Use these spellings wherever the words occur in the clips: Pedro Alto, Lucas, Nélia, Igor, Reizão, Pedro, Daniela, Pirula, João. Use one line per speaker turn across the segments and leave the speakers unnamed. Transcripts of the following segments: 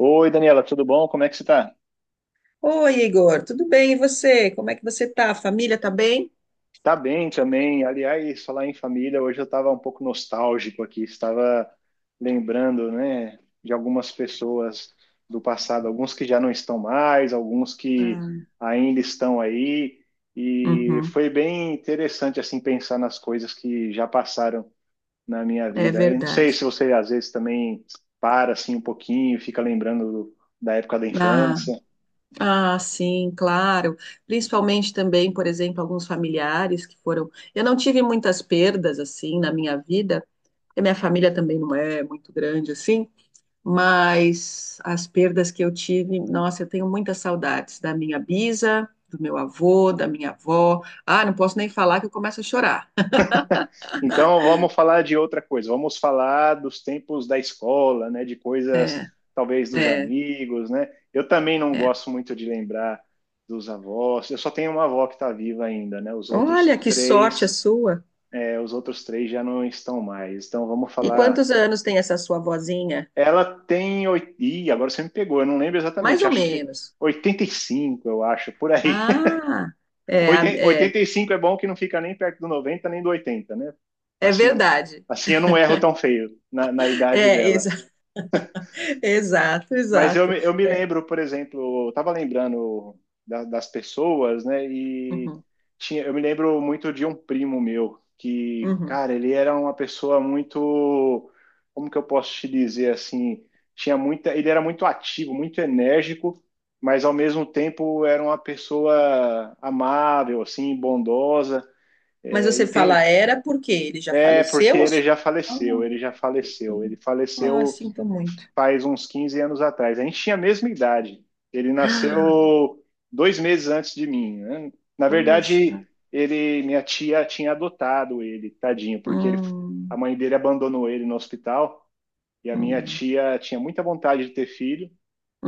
Oi, Daniela, tudo bom? Como é que você tá?
Oi, Igor, tudo bem? E você? Como é que você tá? A família tá bem?
Tá bem também. Aliás, falar em família, hoje eu estava um pouco nostálgico aqui, estava lembrando, né, de algumas pessoas do passado, alguns que já não estão mais, alguns que
Ah,
ainda estão aí, e
uhum,
foi bem interessante assim pensar nas coisas que já passaram na minha
é
vida. Eu não sei se
verdade.
você às vezes também para assim um pouquinho, fica lembrando da época da
Ah,
infância.
ah, sim, claro. Principalmente também, por exemplo, alguns familiares que foram. Eu não tive muitas perdas assim na minha vida. E minha família também não é muito grande assim, mas as perdas que eu tive, nossa, eu tenho muitas saudades da minha bisa, do meu avô, da minha avó. Ah, não posso nem falar que eu começo a chorar.
Então vamos falar de outra coisa, vamos falar dos tempos da escola, né, de coisas
É,
talvez dos
é.
amigos, né? Eu também não
É.
gosto muito de lembrar dos avós. Eu só tenho uma avó que está viva ainda, né? Os
Olha,
outros
que sorte a
três,
sua.
os outros três já não estão mais. Então vamos
E
falar.
quantos anos tem essa sua vozinha?
Ih, agora você me pegou, eu não lembro
Mais
exatamente.
ou
Acho que
menos.
85, eu acho, por aí.
Ah, é, é,
85 é bom que não fica nem perto do 90 nem do 80, né?
é
Assim,
verdade.
assim eu não erro tão feio na idade
É,
dela.
exa- exato,
Mas
exato.
eu me lembro, por exemplo, eu tava lembrando das pessoas, né? E
Uhum,
tinha, eu me lembro muito de um primo meu, que,
uhum.
cara, ele era uma pessoa muito, como que eu posso te dizer assim? Tinha muita, ele era muito ativo, muito enérgico, mas ao mesmo tempo era uma pessoa amável, assim, bondosa.
Mas
É,
você
e
fala
tem,
era porque ele já
porque
faleceu? Ou
ele já
Ah,
faleceu,
que pena.
Ele
Ah,
faleceu
sinto muito.
faz uns 15 anos atrás. A gente tinha a mesma idade. Ele nasceu 2 meses antes de mim, né? Na
Poxa.
verdade, ele, minha tia tinha adotado ele, tadinho, porque ele, a
Hum,
mãe dele abandonou ele no hospital. E a minha
hum,
tia tinha muita vontade de ter filho,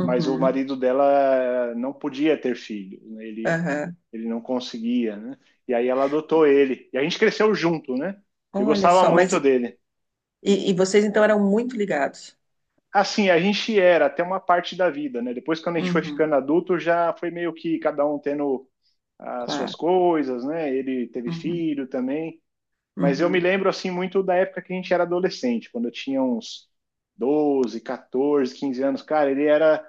mas o marido dela não podia ter filho, né? Ele
aham.
ele não conseguia, né? E aí ela adotou ele. E a gente cresceu junto, né? Eu
Olha
gostava
só,
muito
mas
dele.
e vocês então eram muito ligados?
Assim, a gente era até uma parte da vida, né? Depois, quando a gente foi
Uhum,
ficando adulto, já foi meio que cada um tendo as suas
claro.
coisas, né? Ele teve
Uhum,
filho também. Mas eu me
uhum.
lembro, assim, muito da época que a gente era adolescente, quando eu tinha uns 12, 14, 15 anos. Cara, ele era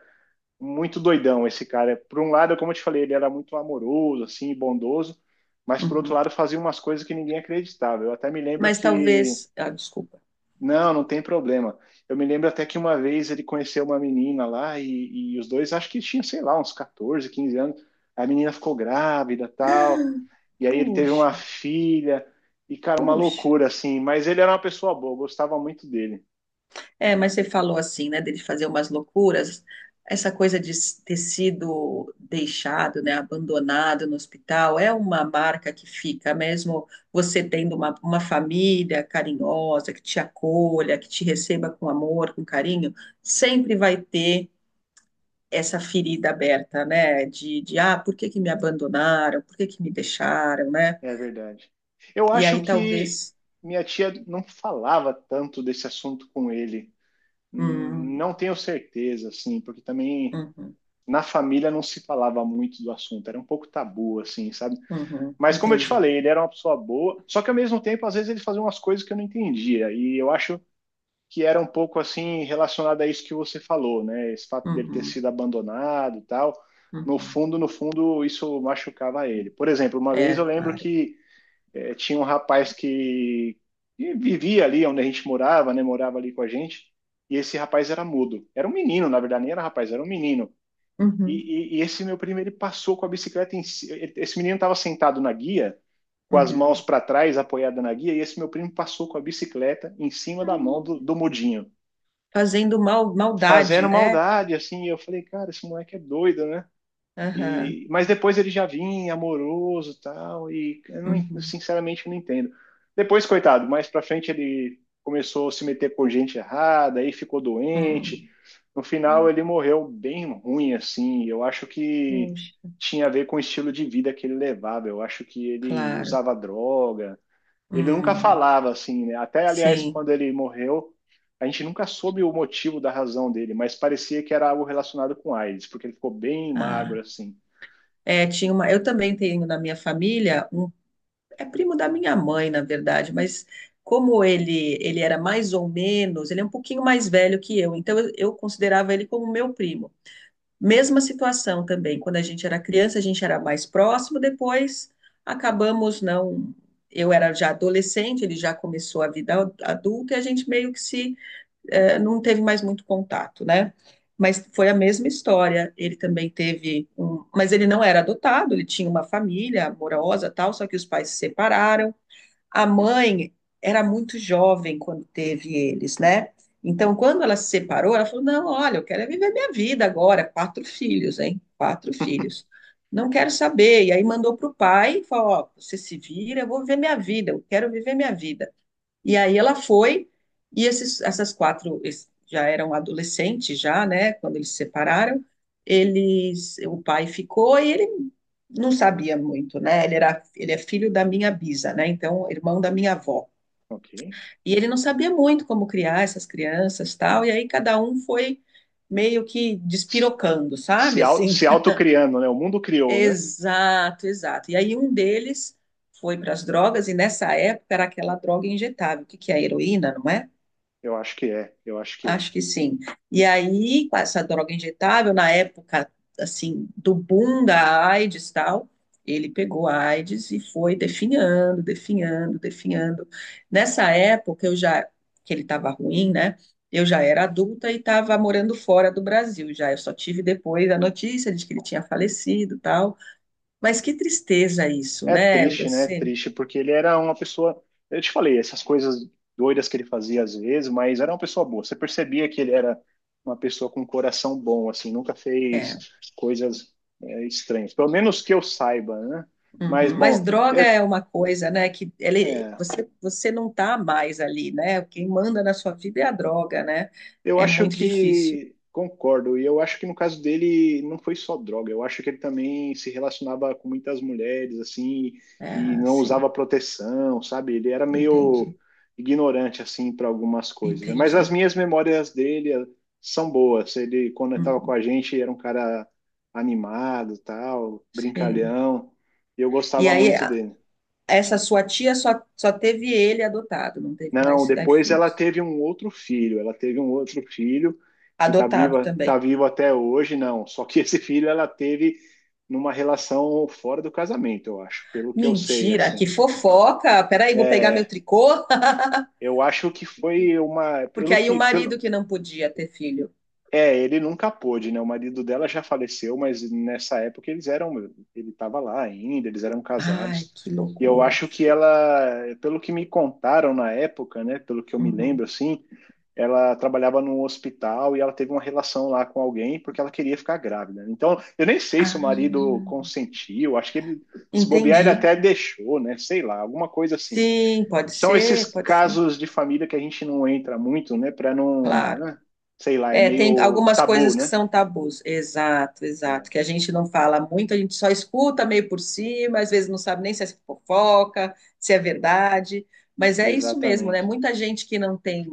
muito doidão esse cara. Por um lado, como eu te falei, ele era muito amoroso, assim, bondoso, mas por outro
Uhum.
lado fazia umas coisas que ninguém acreditava. Eu até me lembro
Mas
que,
talvez. Ah, desculpa.
não, não tem problema. Eu me lembro até que uma vez ele conheceu uma menina lá e os dois, acho que tinha, sei lá, uns 14, 15 anos. A menina ficou grávida, tal. E aí ele teve uma
Puxa,
filha. E, cara, uma
puxa.
loucura, assim. Mas ele era uma pessoa boa, eu gostava muito dele.
É, mas você falou assim, né, dele fazer umas loucuras. Essa coisa de ter sido deixado, né, abandonado no hospital, é uma marca que fica, mesmo você tendo uma família carinhosa, que te acolha, que te receba com amor, com carinho, sempre vai ter essa ferida aberta, né, de ah, por que que me abandonaram, por que que me deixaram, né?
É verdade. Eu
E
acho
aí
que
talvez.
minha tia não falava tanto desse assunto com ele.
Hum,
Não tenho certeza, assim, porque também
uhum,
na família não se falava muito do assunto, era um pouco tabu, assim, sabe?
uhum,
Mas como eu te
entendi.
falei, ele era uma pessoa boa, só que ao mesmo tempo, às vezes ele fazia umas coisas que eu não entendia, e eu acho que era um pouco assim relacionado a isso que você falou, né? Esse fato dele ter
Uhum,
sido abandonado e tal. No
uhum.
fundo, no fundo, isso machucava ele. Por exemplo, uma vez
É,
eu lembro
claro.
que tinha um rapaz que vivia ali onde a gente morava, né? Morava ali com a gente. E esse rapaz era mudo. Era um menino, na verdade, nem era rapaz, era um menino.
Uhum,
E, e esse meu primo, ele passou com a bicicleta Esse menino estava sentado na guia, com as mãos
uhum.
para trás, apoiada na guia, e esse meu primo passou com a bicicleta em cima da mão
Hum.
do mudinho,
Fazendo mal, maldade,
fazendo
né?
maldade, assim. E eu falei, cara, esse moleque é doido, né?
Aham,
E, mas depois ele já vinha amoroso e tal, e eu não, eu
uhum,
sinceramente não entendo. Depois, coitado, mais pra frente ele começou a se meter por gente errada, aí ficou
hum.
doente. No final ele morreu bem ruim, assim. Eu acho que
Puxa,
tinha a ver com o estilo de vida que ele levava. Eu acho que ele
claro.
usava droga. Ele nunca
Hum,
falava assim, né? Até, aliás,
sim.
quando ele morreu, a gente nunca soube o motivo da razão dele, mas parecia que era algo relacionado com AIDS, porque ele ficou bem
Ah.
magro assim.
É, tinha uma, eu também tenho na minha família um, é primo da minha mãe, na verdade, mas como ele era mais ou menos, ele é um pouquinho mais velho que eu, então eu considerava ele como meu primo. Mesma situação também, quando a gente era criança, a gente era mais próximo, depois acabamos não. Eu era já adolescente, ele já começou a vida adulta e a gente meio que se não teve mais muito contato, né? Mas foi a mesma história. Ele também teve um, mas ele não era adotado, ele tinha uma família amorosa, tal, só que os pais se separaram. A mãe era muito jovem quando teve eles, né? Então, quando ela se separou, ela falou: Não, olha, eu quero é viver minha vida agora. Quatro filhos, hein? Quatro filhos. Não quero saber. E aí mandou para o pai e falou: Ó, você se vira, eu vou viver minha vida, eu quero viver minha vida. E aí ela foi, e esses, já eram adolescentes, já, né? Quando eles se separaram, eles, o pai ficou e ele não sabia muito, né? Ele era, ele é filho da minha bisa, né? Então, irmão da minha avó.
Ok.
E ele não sabia muito como criar essas crianças, tal. E aí cada um foi meio que despirocando,
Se,
sabe?
au-
Assim.
se autocriando, né? O mundo criou, né?
Exato, exato. E aí um deles foi para as drogas e nessa época era aquela droga injetável, o que que é heroína, não é?
Eu acho que é, eu acho que é.
Acho que sim. E aí, com essa droga injetável, na época, assim, do boom da AIDS e tal, ele pegou a AIDS e foi definhando, definhando, definhando. Nessa época, eu já, que ele estava ruim, né? Eu já era adulta e estava morando fora do Brasil já. Eu só tive depois a notícia de que ele tinha falecido e tal. Mas que tristeza isso,
É
né?
triste, né? É
Você.
triste, porque ele era uma pessoa. Eu te falei, essas coisas doidas que ele fazia às vezes, mas era uma pessoa boa. Você percebia que ele era uma pessoa com um coração bom, assim, nunca
É.
fez coisas, estranhas. Pelo menos que eu saiba, né? Mas,
Uhum. Mas
bom,
droga é uma coisa, né? Que ele,
é,
você, você não tá mais ali, né? Quem manda na sua vida é a droga, né?
eu
É
acho
muito difícil.
que concordo, e eu acho que no caso dele não foi só droga, eu acho que ele também se relacionava com muitas mulheres, assim,
É,
e não
assim,
usava proteção, sabe? Ele era meio
entendi,
ignorante, assim, para algumas coisas, né? Mas as
entendi.
minhas memórias dele são boas. Ele, quando estava com
Uhum,
a gente, era um cara animado, tal,
sim.
brincalhão, e eu
E
gostava
aí,
muito dele.
essa sua tia só, só teve ele adotado, não teve
Não,
mais
depois ela
filhos.
teve um outro filho. Ela teve um outro filho que tá
Adotado
viva, tá
também.
vivo até hoje, não. Só que esse filho ela teve numa relação fora do casamento, eu acho, pelo que eu sei,
Mentira,
assim.
que fofoca! Peraí, vou pegar meu
É,
tricô.
eu acho que foi uma,
Porque
pelo
aí o
que,
marido
pelo,
que não podia ter filho.
é, ele nunca pôde, né? O marido dela já faleceu, mas nessa época eles eram, ele estava lá ainda, eles eram
Ai,
casados.
que
E eu
loucura.
acho que ela, pelo que me contaram na época, né? Pelo que eu me
Uhum.
lembro, assim, ela trabalhava num hospital e ela teve uma relação lá com alguém porque ela queria ficar grávida. Então, eu nem sei se
Ah.
o marido consentiu, acho que ele, se bobear, ele
Entendi.
até deixou, né? Sei lá, alguma coisa assim.
Sim,
São esses
pode ser,
casos de família que a gente não entra muito, né? Para não,
claro.
né? Sei lá, é
É, tem
meio
algumas
tabu,
coisas que
né?
são tabus. Exato, exato. Que a gente não fala muito, a gente só escuta meio por cima, às vezes não sabe nem se é fofoca, se é verdade. Mas é isso mesmo, né?
Exatamente.
Muita gente que não tem.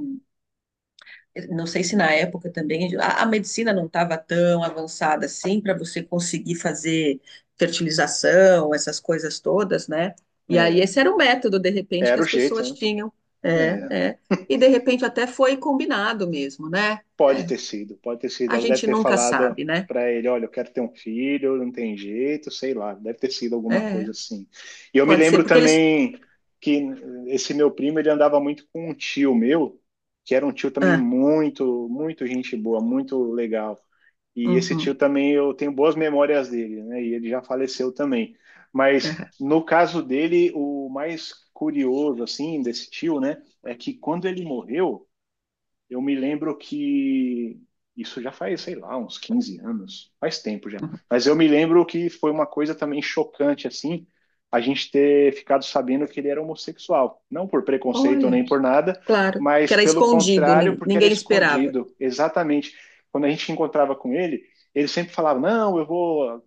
Não sei se na época também a medicina não estava tão avançada assim para você conseguir fazer fertilização, essas coisas todas, né? E aí
É,
esse era o método, de repente, que
era o
as
jeito,
pessoas
né?
tinham. É,
É,
é. E de repente até foi combinado mesmo, né?
pode
É,
ter sido, pode ter sido.
a
Ela deve
gente
ter
nunca
falado
sabe, né?
para ele, olha, eu quero ter um filho, não tem jeito, sei lá, deve ter sido alguma coisa
É,
assim. E eu me
pode ser,
lembro
porque eles.
também que esse meu primo, ele andava muito com um tio meu, que era um tio também
Ah,
muito, muito gente boa, muito legal. E esse tio
uhum,
também eu tenho boas memórias dele, né? E ele já faleceu também. Mas
é,
no caso dele, o mais curioso assim desse tio, né, é que quando ele morreu eu me lembro que isso já faz, sei lá, uns 15 anos, faz tempo já.
uhum.
Mas eu me lembro que foi uma coisa também chocante, assim, a gente ter ficado sabendo que ele era homossexual. Não por preconceito
Olha,
nem por nada,
claro, que
mas
era
pelo
escondido,
contrário, porque era
ninguém esperava.
escondido. Exatamente. Quando a gente encontrava com ele, ele sempre falava: Não, eu vou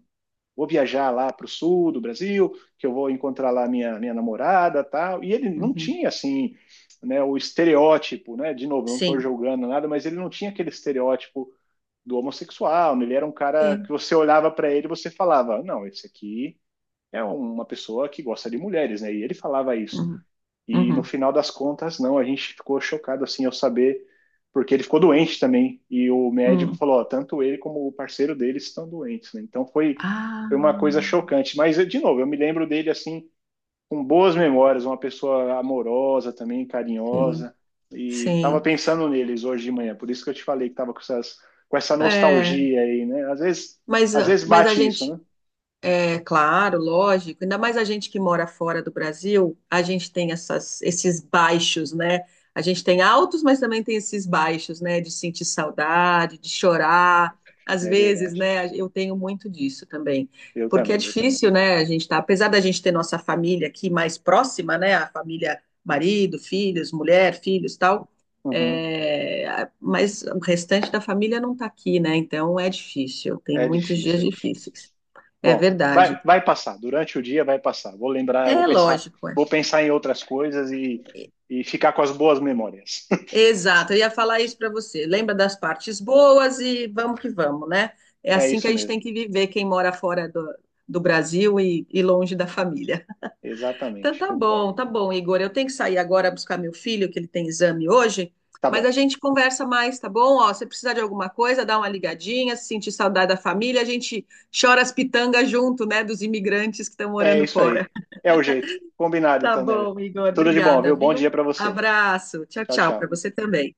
vou viajar lá para o sul do Brasil, que eu vou encontrar lá minha namorada tal. E ele não
Uhum,
tinha assim, né, o estereótipo, né? De novo, não estou
sim,
julgando nada, mas ele não tinha aquele estereótipo do homossexual, né? Ele era um cara que
sim.
você olhava para ele e você falava, não, esse aqui é uma pessoa que gosta de mulheres, né? E ele falava isso.
Uhum,
E no
uhum,
final das contas, não, a gente ficou chocado assim ao saber, porque ele ficou doente também, e o médico
uhum.
falou, ó, tanto ele como o parceiro dele estão doentes, né? Então foi,
Ah,
foi uma coisa chocante. Mas, de novo, eu me lembro dele assim, com boas memórias, uma pessoa amorosa também,
sim,
carinhosa, e tava
sim.
pensando neles hoje de manhã, por isso que eu te falei que tava com essas, com essa
É,
nostalgia aí, né?
mas,
Às
ah,
vezes
mas a
bate isso,
gente.
né?
É claro, lógico. Ainda mais a gente que mora fora do Brasil, a gente tem essas, esses baixos, né? A gente tem altos, mas também tem esses baixos, né? De sentir saudade, de chorar. Às
É
vezes,
verdade.
né? Eu tenho muito disso também.
Eu
Porque é
também, eu também.
difícil, né? A gente tá, apesar da gente ter nossa família aqui mais próxima, né? A família, marido, filhos, mulher, filhos, tal.
Uhum.
É, mas o restante da família não tá aqui, né? Então é difícil. Tem
É
muitos dias
difícil, é difícil.
difíceis. É
Bom, vai,
verdade.
vai passar. Durante o dia vai passar. Vou lembrar, vou
É
pensar,
lógico, é.
vou pensar em outras coisas e ficar com as boas memórias.
Exato, eu ia falar isso para você. Lembra das partes boas e vamos que vamos, né? É
É
assim que
isso
a gente tem
mesmo.
que viver, quem mora fora do, do Brasil e longe da família. Então
Exatamente, concordo.
tá bom, Igor. Eu tenho que sair agora buscar meu filho, que ele tem exame hoje,
Tá
mas a
bom.
gente conversa mais, tá bom? Ó, se precisar de alguma coisa, dá uma ligadinha, se sentir saudade da família, a gente chora as pitangas junto, né, dos imigrantes que estão
É
morando
isso
fora.
aí. É o jeito. Combinado,
Tá
então, Nélia.
bom, Igor.
Tudo de bom,
Obrigada,
viu? Bom
viu?
dia pra você.
Abraço. Tchau,
Tchau,
tchau para
tchau.
você também.